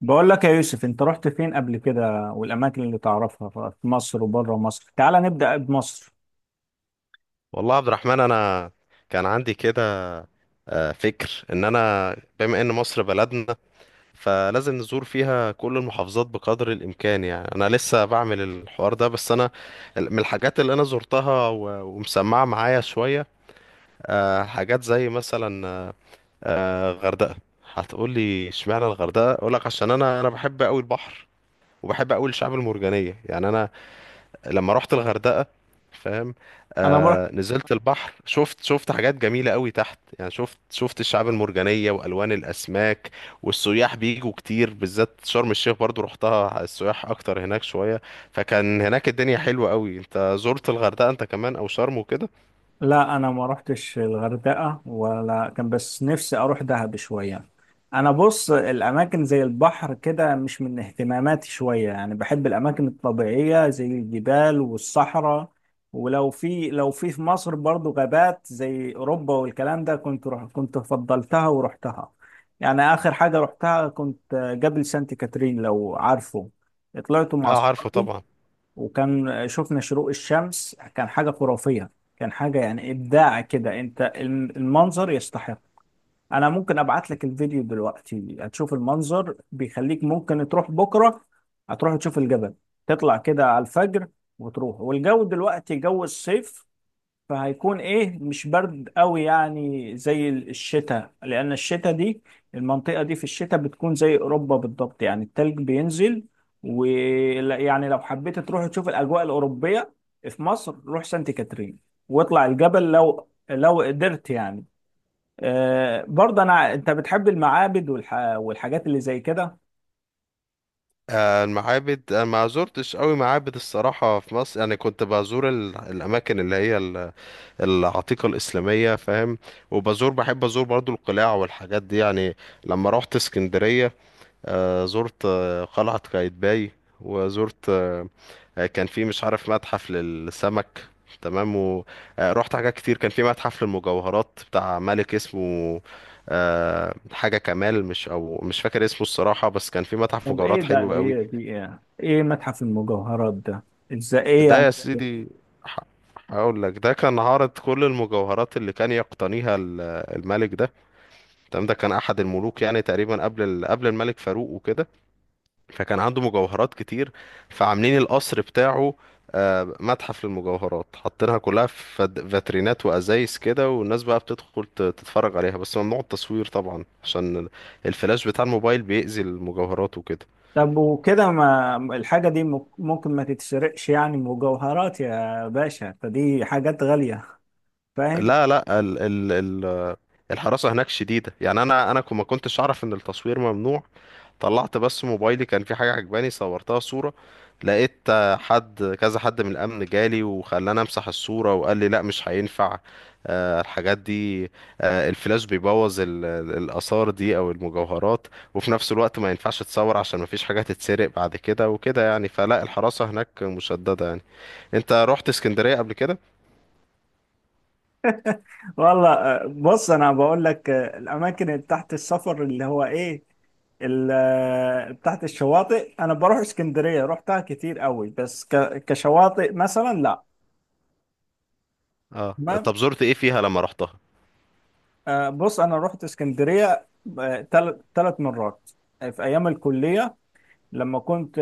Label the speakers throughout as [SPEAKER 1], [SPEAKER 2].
[SPEAKER 1] بقول لك يا يوسف، انت رحت فين قبل كده؟ والاماكن اللي تعرفها في مصر وبره مصر، تعال نبدأ بمصر.
[SPEAKER 2] والله يا عبد الرحمن، انا كان عندي كده فكر ان انا بما ان مصر بلدنا، فلازم نزور فيها كل المحافظات بقدر الامكان. يعني انا لسه بعمل الحوار ده، بس انا من الحاجات اللي انا زرتها ومسمعه معايا شويه، حاجات زي مثلا غردقه. هتقولي اشمعنى الغردقه؟ اقولك عشان انا بحب قوي البحر، وبحب قوي الشعب المرجانيه. يعني انا لما رحت الغردقة، فاهم؟
[SPEAKER 1] انا
[SPEAKER 2] آه، نزلت البحر، شفت حاجات جميلة قوي تحت. يعني شفت الشعاب المرجانية والوان الاسماك والسياح بيجوا كتير. بالذات شرم الشيخ برضو رحتها، السياح اكتر هناك شوية، فكان هناك الدنيا حلوة قوي. انت زرت الغردقة انت كمان او شرم وكده؟
[SPEAKER 1] لا انا ما رحتش الغردقه ولا كان، بس نفسي اروح دهب شويه. انا بص، الاماكن زي البحر كده مش من اهتماماتي شويه، يعني بحب الاماكن الطبيعيه زي الجبال والصحراء. ولو في لو في في مصر برضو غابات زي اوروبا والكلام ده، كنت فضلتها ورحتها. يعني اخر حاجه رحتها كنت جبل سانت كاترين، لو عارفه. طلعت مع
[SPEAKER 2] اه عارفه
[SPEAKER 1] اصحابي،
[SPEAKER 2] طبعا.
[SPEAKER 1] وكان شفنا شروق الشمس، كان حاجة خرافية. كان حاجة يعني إبداع كده. أنت المنظر يستحق. أنا ممكن أبعت لك الفيديو دلوقتي، هتشوف المنظر بيخليك ممكن تروح بكرة. هتروح تشوف الجبل، تطلع كده على الفجر وتروح، والجو دلوقتي جو الصيف، فهيكون ايه، مش برد قوي يعني زي الشتاء. لان الشتاء دي، المنطقة دي في الشتاء بتكون زي اوروبا بالضبط، يعني التلج بينزل. ويعني لو حبيت تروح تشوف الاجواء الاوروبية في مصر، روح سانت كاترين واطلع الجبل، لو قدرت يعني. برضه انا، انت بتحب المعابد والحاجات اللي زي كده؟
[SPEAKER 2] المعابد انا ما زرتش قوي معابد الصراحه في مصر. يعني كنت بزور الاماكن اللي هي العتيقة الإسلامية، فاهم؟ وبزور، بحب أزور برضو القلاع والحاجات دي. يعني لما روحت اسكندرية، زرت قلعة قايتباي، وزرت كان في مش عارف متحف للسمك، تمام؟ ورحت حاجات كتير. كان في متحف للمجوهرات بتاع ملك اسمه حاجة كمال، مش أو مش فاكر اسمه الصراحة، بس كان في متحف
[SPEAKER 1] طب ايه
[SPEAKER 2] مجوهرات
[SPEAKER 1] ده؟
[SPEAKER 2] حلو قوي.
[SPEAKER 1] دي ايه متحف المجوهرات ده؟ ازاي؟ ايه
[SPEAKER 2] ده
[SPEAKER 1] يعني؟
[SPEAKER 2] يا سيدي، ح- هقول لك. ده كان عارض كل المجوهرات اللي كان يقتنيها الملك ده، تمام؟ ده كان احد الملوك يعني تقريبا قبل قبل الملك فاروق وكده، فكان عنده مجوهرات كتير. فعاملين القصر بتاعه متحف للمجوهرات، حاطينها كلها في فاترينات وازايز كده، والناس بقى بتدخل تتفرج عليها. بس ممنوع التصوير طبعا عشان الفلاش بتاع الموبايل بيأذي المجوهرات وكده.
[SPEAKER 1] طب وكده ما الحاجة دي ممكن ما تتسرقش يعني؟ مجوهرات يا باشا، فدي حاجات غالية، فاهم؟
[SPEAKER 2] لا ال ال ال الحراسة هناك شديدة. يعني انا ما كنتش اعرف ان التصوير ممنوع، طلعت بس موبايلي، كان في حاجة عجباني صورتها صورة. لقيت حد كذا، حد من الأمن جالي وخلاني أمسح الصورة وقال لي لا مش هينفع الحاجات دي. الفلاش بيبوظ الآثار دي أو المجوهرات، وفي نفس الوقت ما ينفعش تصور عشان ما فيش حاجة تتسرق بعد كده وكده. يعني فلا، الحراسة هناك مشددة يعني. أنت رحت اسكندرية قبل كده؟
[SPEAKER 1] والله، بص، انا بقول لك، الاماكن اللي تحت السفر اللي هو ايه، تحت الشواطئ، انا بروح اسكندرية، رحتها كتير قوي، بس كشواطئ مثلا لا.
[SPEAKER 2] اه.
[SPEAKER 1] تمام.
[SPEAKER 2] طب زرت ايه فيها لما رحتها؟
[SPEAKER 1] بص، انا رحت اسكندرية ثلاث مرات، في ايام الكلية. لما كنت،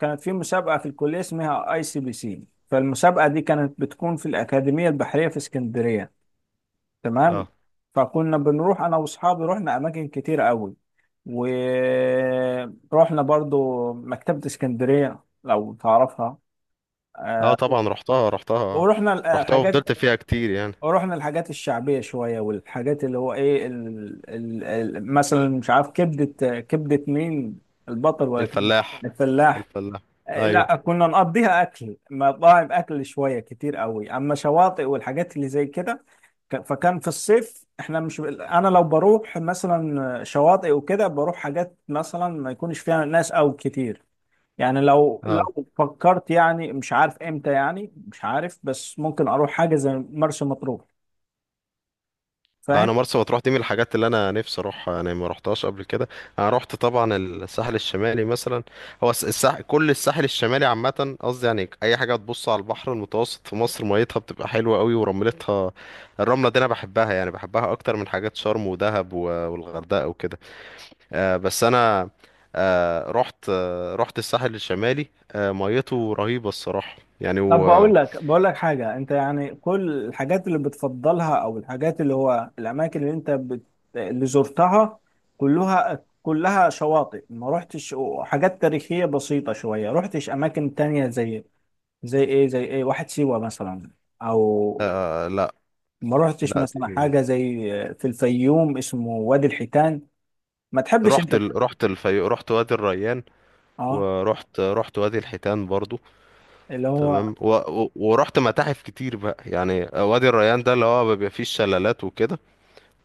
[SPEAKER 1] كانت في مسابقة في الكلية اسمها اي سي بي سي. فالمسابقة دي كانت بتكون في الأكاديمية البحرية في اسكندرية، تمام.
[SPEAKER 2] اه.
[SPEAKER 1] فكنا بنروح أنا وأصحابي، رحنا أماكن كتير قوي، ورحنا برضو مكتبة اسكندرية لو تعرفها،
[SPEAKER 2] اه
[SPEAKER 1] آه،
[SPEAKER 2] طبعا، رحتها رحتها،
[SPEAKER 1] ورحنا
[SPEAKER 2] رحتها
[SPEAKER 1] الحاجات
[SPEAKER 2] وفضلت فيها كتير يعني.
[SPEAKER 1] ورحنا الحاجات الشعبية شوية، والحاجات اللي هو ايه، مثلا مش عارف، كبدة. كبدة مين؟ البطل ولا كبدة
[SPEAKER 2] الفلاح.
[SPEAKER 1] الفلاح.
[SPEAKER 2] الفلاح. ايوه.
[SPEAKER 1] لا، كنا نقضيها اكل، مطاعم، اكل شويه كتير قوي، اما شواطئ والحاجات اللي زي كده، فكان في الصيف احنا مش، انا لو بروح مثلا شواطئ وكده، بروح حاجات مثلا ما يكونش فيها ناس او كتير. يعني لو
[SPEAKER 2] اه،
[SPEAKER 1] لو فكرت يعني، مش عارف امتى، يعني مش عارف، بس ممكن اروح حاجه زي مرسى مطروح، فاهم؟
[SPEAKER 2] انا مرسى مطروح دي من الحاجات اللي انا نفسي اروحها، يعني ما رحتهاش قبل كده. انا رحت طبعا الساحل الشمالي مثلا. هو كل الساحل الشمالي عامه قصدي. يعني اي حاجه تبص على البحر المتوسط في مصر، ميتها بتبقى حلوه قوي، ورملتها الرمله دي انا بحبها. يعني بحبها اكتر من حاجات شرم ودهب والغردقه وكده. آه بس انا، آه رحت، آه رحت الساحل الشمالي، آه ميته رهيبه الصراحه يعني
[SPEAKER 1] طب
[SPEAKER 2] و… آه.
[SPEAKER 1] بقول لك حاجة. انت يعني كل الحاجات اللي بتفضلها، او الحاجات اللي هو الاماكن اللي انت اللي زرتها، كلها كلها شواطئ. ما رحتش حاجات تاريخية بسيطة شوية، رحتش اماكن تانية زي، زي ايه واحد سيوة مثلا، او
[SPEAKER 2] آه، لا.
[SPEAKER 1] ما رحتش
[SPEAKER 2] لا
[SPEAKER 1] مثلا
[SPEAKER 2] دي،
[SPEAKER 1] حاجة زي في الفيوم اسمه وادي الحيتان. ما تحبش انت؟
[SPEAKER 2] رحت رحت رحت وادي الريان،
[SPEAKER 1] اه،
[SPEAKER 2] ورحت، رحت وادي الحيتان برضو،
[SPEAKER 1] اللي هو.
[SPEAKER 2] تمام. و… و… ورحت متاحف كتير بقى. يعني وادي الريان ده اللي هو بيبقى فيه الشلالات وكده،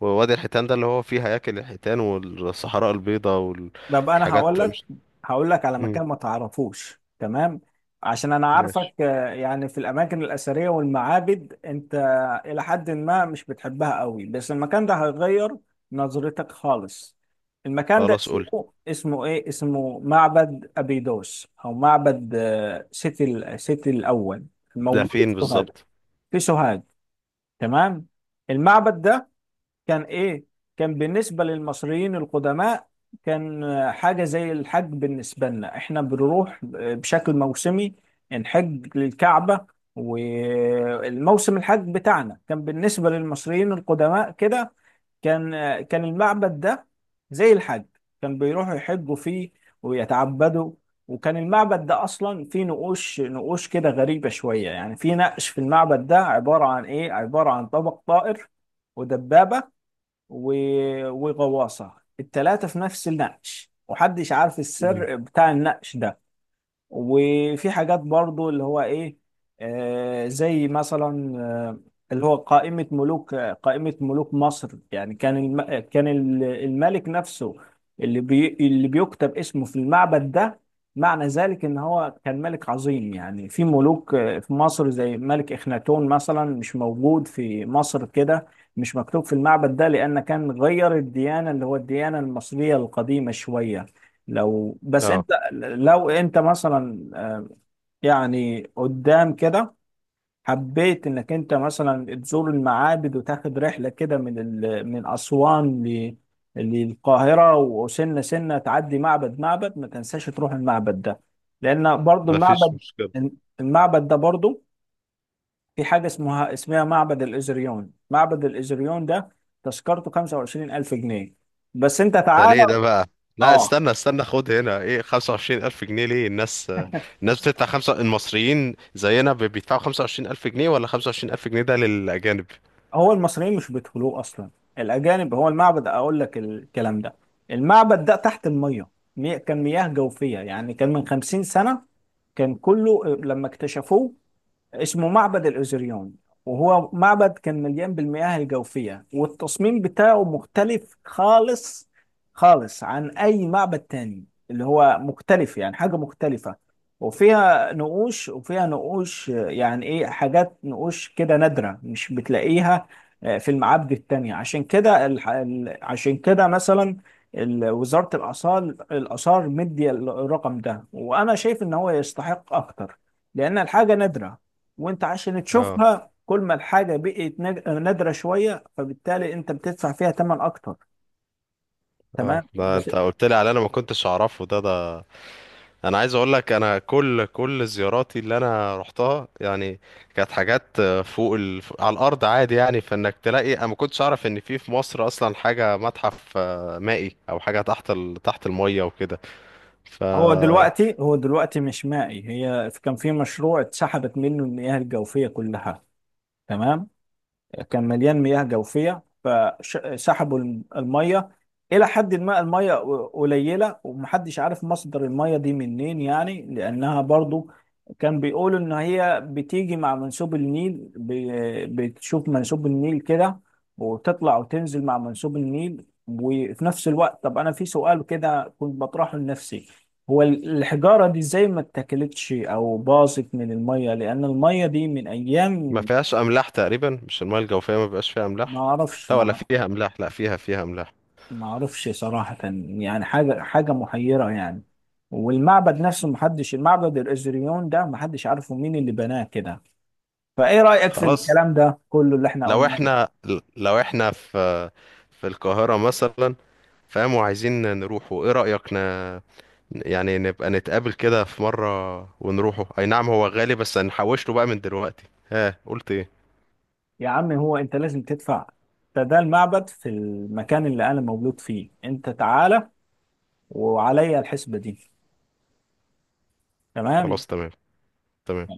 [SPEAKER 2] ووادي الحيتان ده اللي هو فيه هياكل الحيتان والصحراء البيضاء
[SPEAKER 1] طب انا هقول
[SPEAKER 2] والحاجات مش…
[SPEAKER 1] لك هقول لك على
[SPEAKER 2] مم.
[SPEAKER 1] مكان ما تعرفوش. تمام؟ عشان انا عارفك
[SPEAKER 2] ماشي.
[SPEAKER 1] آه، يعني في الاماكن الاثريه والمعابد انت الى حد ما مش بتحبها قوي، بس المكان ده هيغير نظرتك خالص. المكان ده
[SPEAKER 2] خلاص قول.
[SPEAKER 1] اسمه، اسمه ايه اسمه معبد ابيدوس، او معبد سيتي، سيتي الاول،
[SPEAKER 2] ده
[SPEAKER 1] الموجود
[SPEAKER 2] فين
[SPEAKER 1] في سوهاج.
[SPEAKER 2] بالظبط؟
[SPEAKER 1] في سوهاج، تمام. المعبد ده كان ايه؟ كان بالنسبة للمصريين القدماء، كان حاجة زي الحج. بالنسبة لنا احنا بنروح بشكل موسمي نحج للكعبة، والموسم الحج بتاعنا كان بالنسبة للمصريين القدماء كده. كان كان المعبد ده زي الحج، كان بيروحوا يحجوا فيه ويتعبدوا. وكان المعبد ده اصلا فيه نقوش، نقوش كده غريبة شوية يعني. في نقش في المعبد ده عبارة عن ايه؟ عبارة عن طبق طائر، ودبابة و... وغواصة، التلاتة في نفس النقش، ومحدش عارف
[SPEAKER 2] مم.
[SPEAKER 1] السر بتاع النقش ده. وفي حاجات برضو اللي هو ايه، آه، زي مثلا، آه، اللي هو قائمة ملوك، آه، قائمة ملوك مصر. يعني كان الملك نفسه اللي اللي بيكتب اسمه في المعبد ده، معنى ذلك ان هو كان ملك عظيم. يعني في ملوك آه، في مصر زي ملك اخناتون مثلا، مش موجود في مصر كده، مش مكتوب في المعبد ده، لأن كان غير الديانة، اللي هو الديانة المصرية القديمة شوية. لو بس
[SPEAKER 2] اه،
[SPEAKER 1] انت لو انت مثلا، آه، يعني قدام كده حبيت انك انت مثلا تزور المعابد، وتاخد رحلة كده من من أسوان للقاهرة، وسنة سنة تعدي معبد معبد، ما تنساش تروح المعبد ده. لأن برضو
[SPEAKER 2] مفيش
[SPEAKER 1] المعبد،
[SPEAKER 2] مشكلة.
[SPEAKER 1] المعبد ده برضو في حاجة اسمها معبد الإزريون. معبد الإزريون ده تذكرته 25,000 جنيه. بس انت
[SPEAKER 2] ده
[SPEAKER 1] تعالى.
[SPEAKER 2] ليه ده بقى؟ لا
[SPEAKER 1] اه،
[SPEAKER 2] استنى استنى، خد هنا ايه، 25000 جنيه ليه؟ الناس، الناس بتدفع خمسة، المصريين زينا بيدفعوا 25000 جنيه، ولا 25000 جنيه ده للأجانب؟
[SPEAKER 1] هو المصريين مش بيدخلوه اصلا، الاجانب. هو المعبد اقول لك الكلام ده، المعبد ده تحت الميه. كان مياه جوفيه. يعني كان من 50 سنه كان كله، لما اكتشفوه، اسمه معبد الأوزريون. وهو معبد كان مليان بالمياه الجوفية، والتصميم بتاعه مختلف خالص، خالص عن أي معبد تاني. اللي هو مختلف، يعني حاجة مختلفة. وفيها نقوش، وفيها نقوش، آه، يعني إيه، حاجات نقوش كده نادرة مش بتلاقيها آه، في المعابد التانية. عشان كده عشان كده مثلا وزارة الآثار، مدية الرقم ده، وأنا شايف إن هو يستحق أكتر، لأن الحاجة نادرة. وانت عشان
[SPEAKER 2] اه.
[SPEAKER 1] تشوفها، كل ما الحاجة بقت نادرة شوية، فبالتالي انت بتدفع فيها ثمن اكتر،
[SPEAKER 2] اه
[SPEAKER 1] تمام.
[SPEAKER 2] ده
[SPEAKER 1] بس
[SPEAKER 2] انت قلت لي على، انا ما كنتش اعرفه ده. ده انا عايز اقول لك، انا كل زياراتي اللي انا رحتها يعني كانت حاجات فوق على الارض عادي. يعني فانك تلاقي انا ما كنتش اعرف ان في مصر اصلا حاجه متحف مائي او حاجه تحت تحت الميه وكده. ف…
[SPEAKER 1] هو دلوقتي، مش مائي. هي كان في مشروع اتسحبت منه المياه الجوفية كلها، تمام. كان مليان مياه جوفية، فسحبوا المية إلى حد ما، المية قليلة. ومحدش عارف مصدر المية دي منين، يعني لأنها برضو كان بيقولوا إن هي بتيجي مع منسوب النيل، بتشوف منسوب النيل كده، وتطلع وتنزل مع منسوب النيل. وفي نفس الوقت، طب أنا في سؤال كده كنت بطرحه لنفسي. هو الحجارة دي ازاي ما اتاكلتش أو باظت من المية؟ لأن المية دي من
[SPEAKER 2] ما
[SPEAKER 1] أيام.
[SPEAKER 2] فيهاش املاح تقريبا، مش المايه الجوفيه ما بيبقاش فيها
[SPEAKER 1] ما
[SPEAKER 2] املاح؟
[SPEAKER 1] أعرفش،
[SPEAKER 2] لا ولا
[SPEAKER 1] ما
[SPEAKER 2] فيها املاح، لا فيها، فيها املاح.
[SPEAKER 1] ما اعرفش صراحة، يعني حاجة، محيرة يعني. والمعبد نفسه محدش، المعبد الازريون ده محدش عارفه مين اللي بناه كده. فايه رأيك في
[SPEAKER 2] خلاص.
[SPEAKER 1] الكلام ده كله اللي احنا
[SPEAKER 2] لو
[SPEAKER 1] قلناه؟
[SPEAKER 2] احنا لو احنا في القاهره مثلا، فاهم، وعايزين نروحوا، ايه رأيك ن…؟ يعني نبقى نتقابل كده في مرة ونروحوا؟ اي نعم هو غالي، بس هنحوش له بقى من دلوقتي. ها قلت ايه؟
[SPEAKER 1] يا عم، هو انت لازم تدفع. ده المعبد في المكان اللي انا مولود فيه، انت تعالى، وعليا الحسبة دي، تمام.
[SPEAKER 2] خلاص تمام. تمام.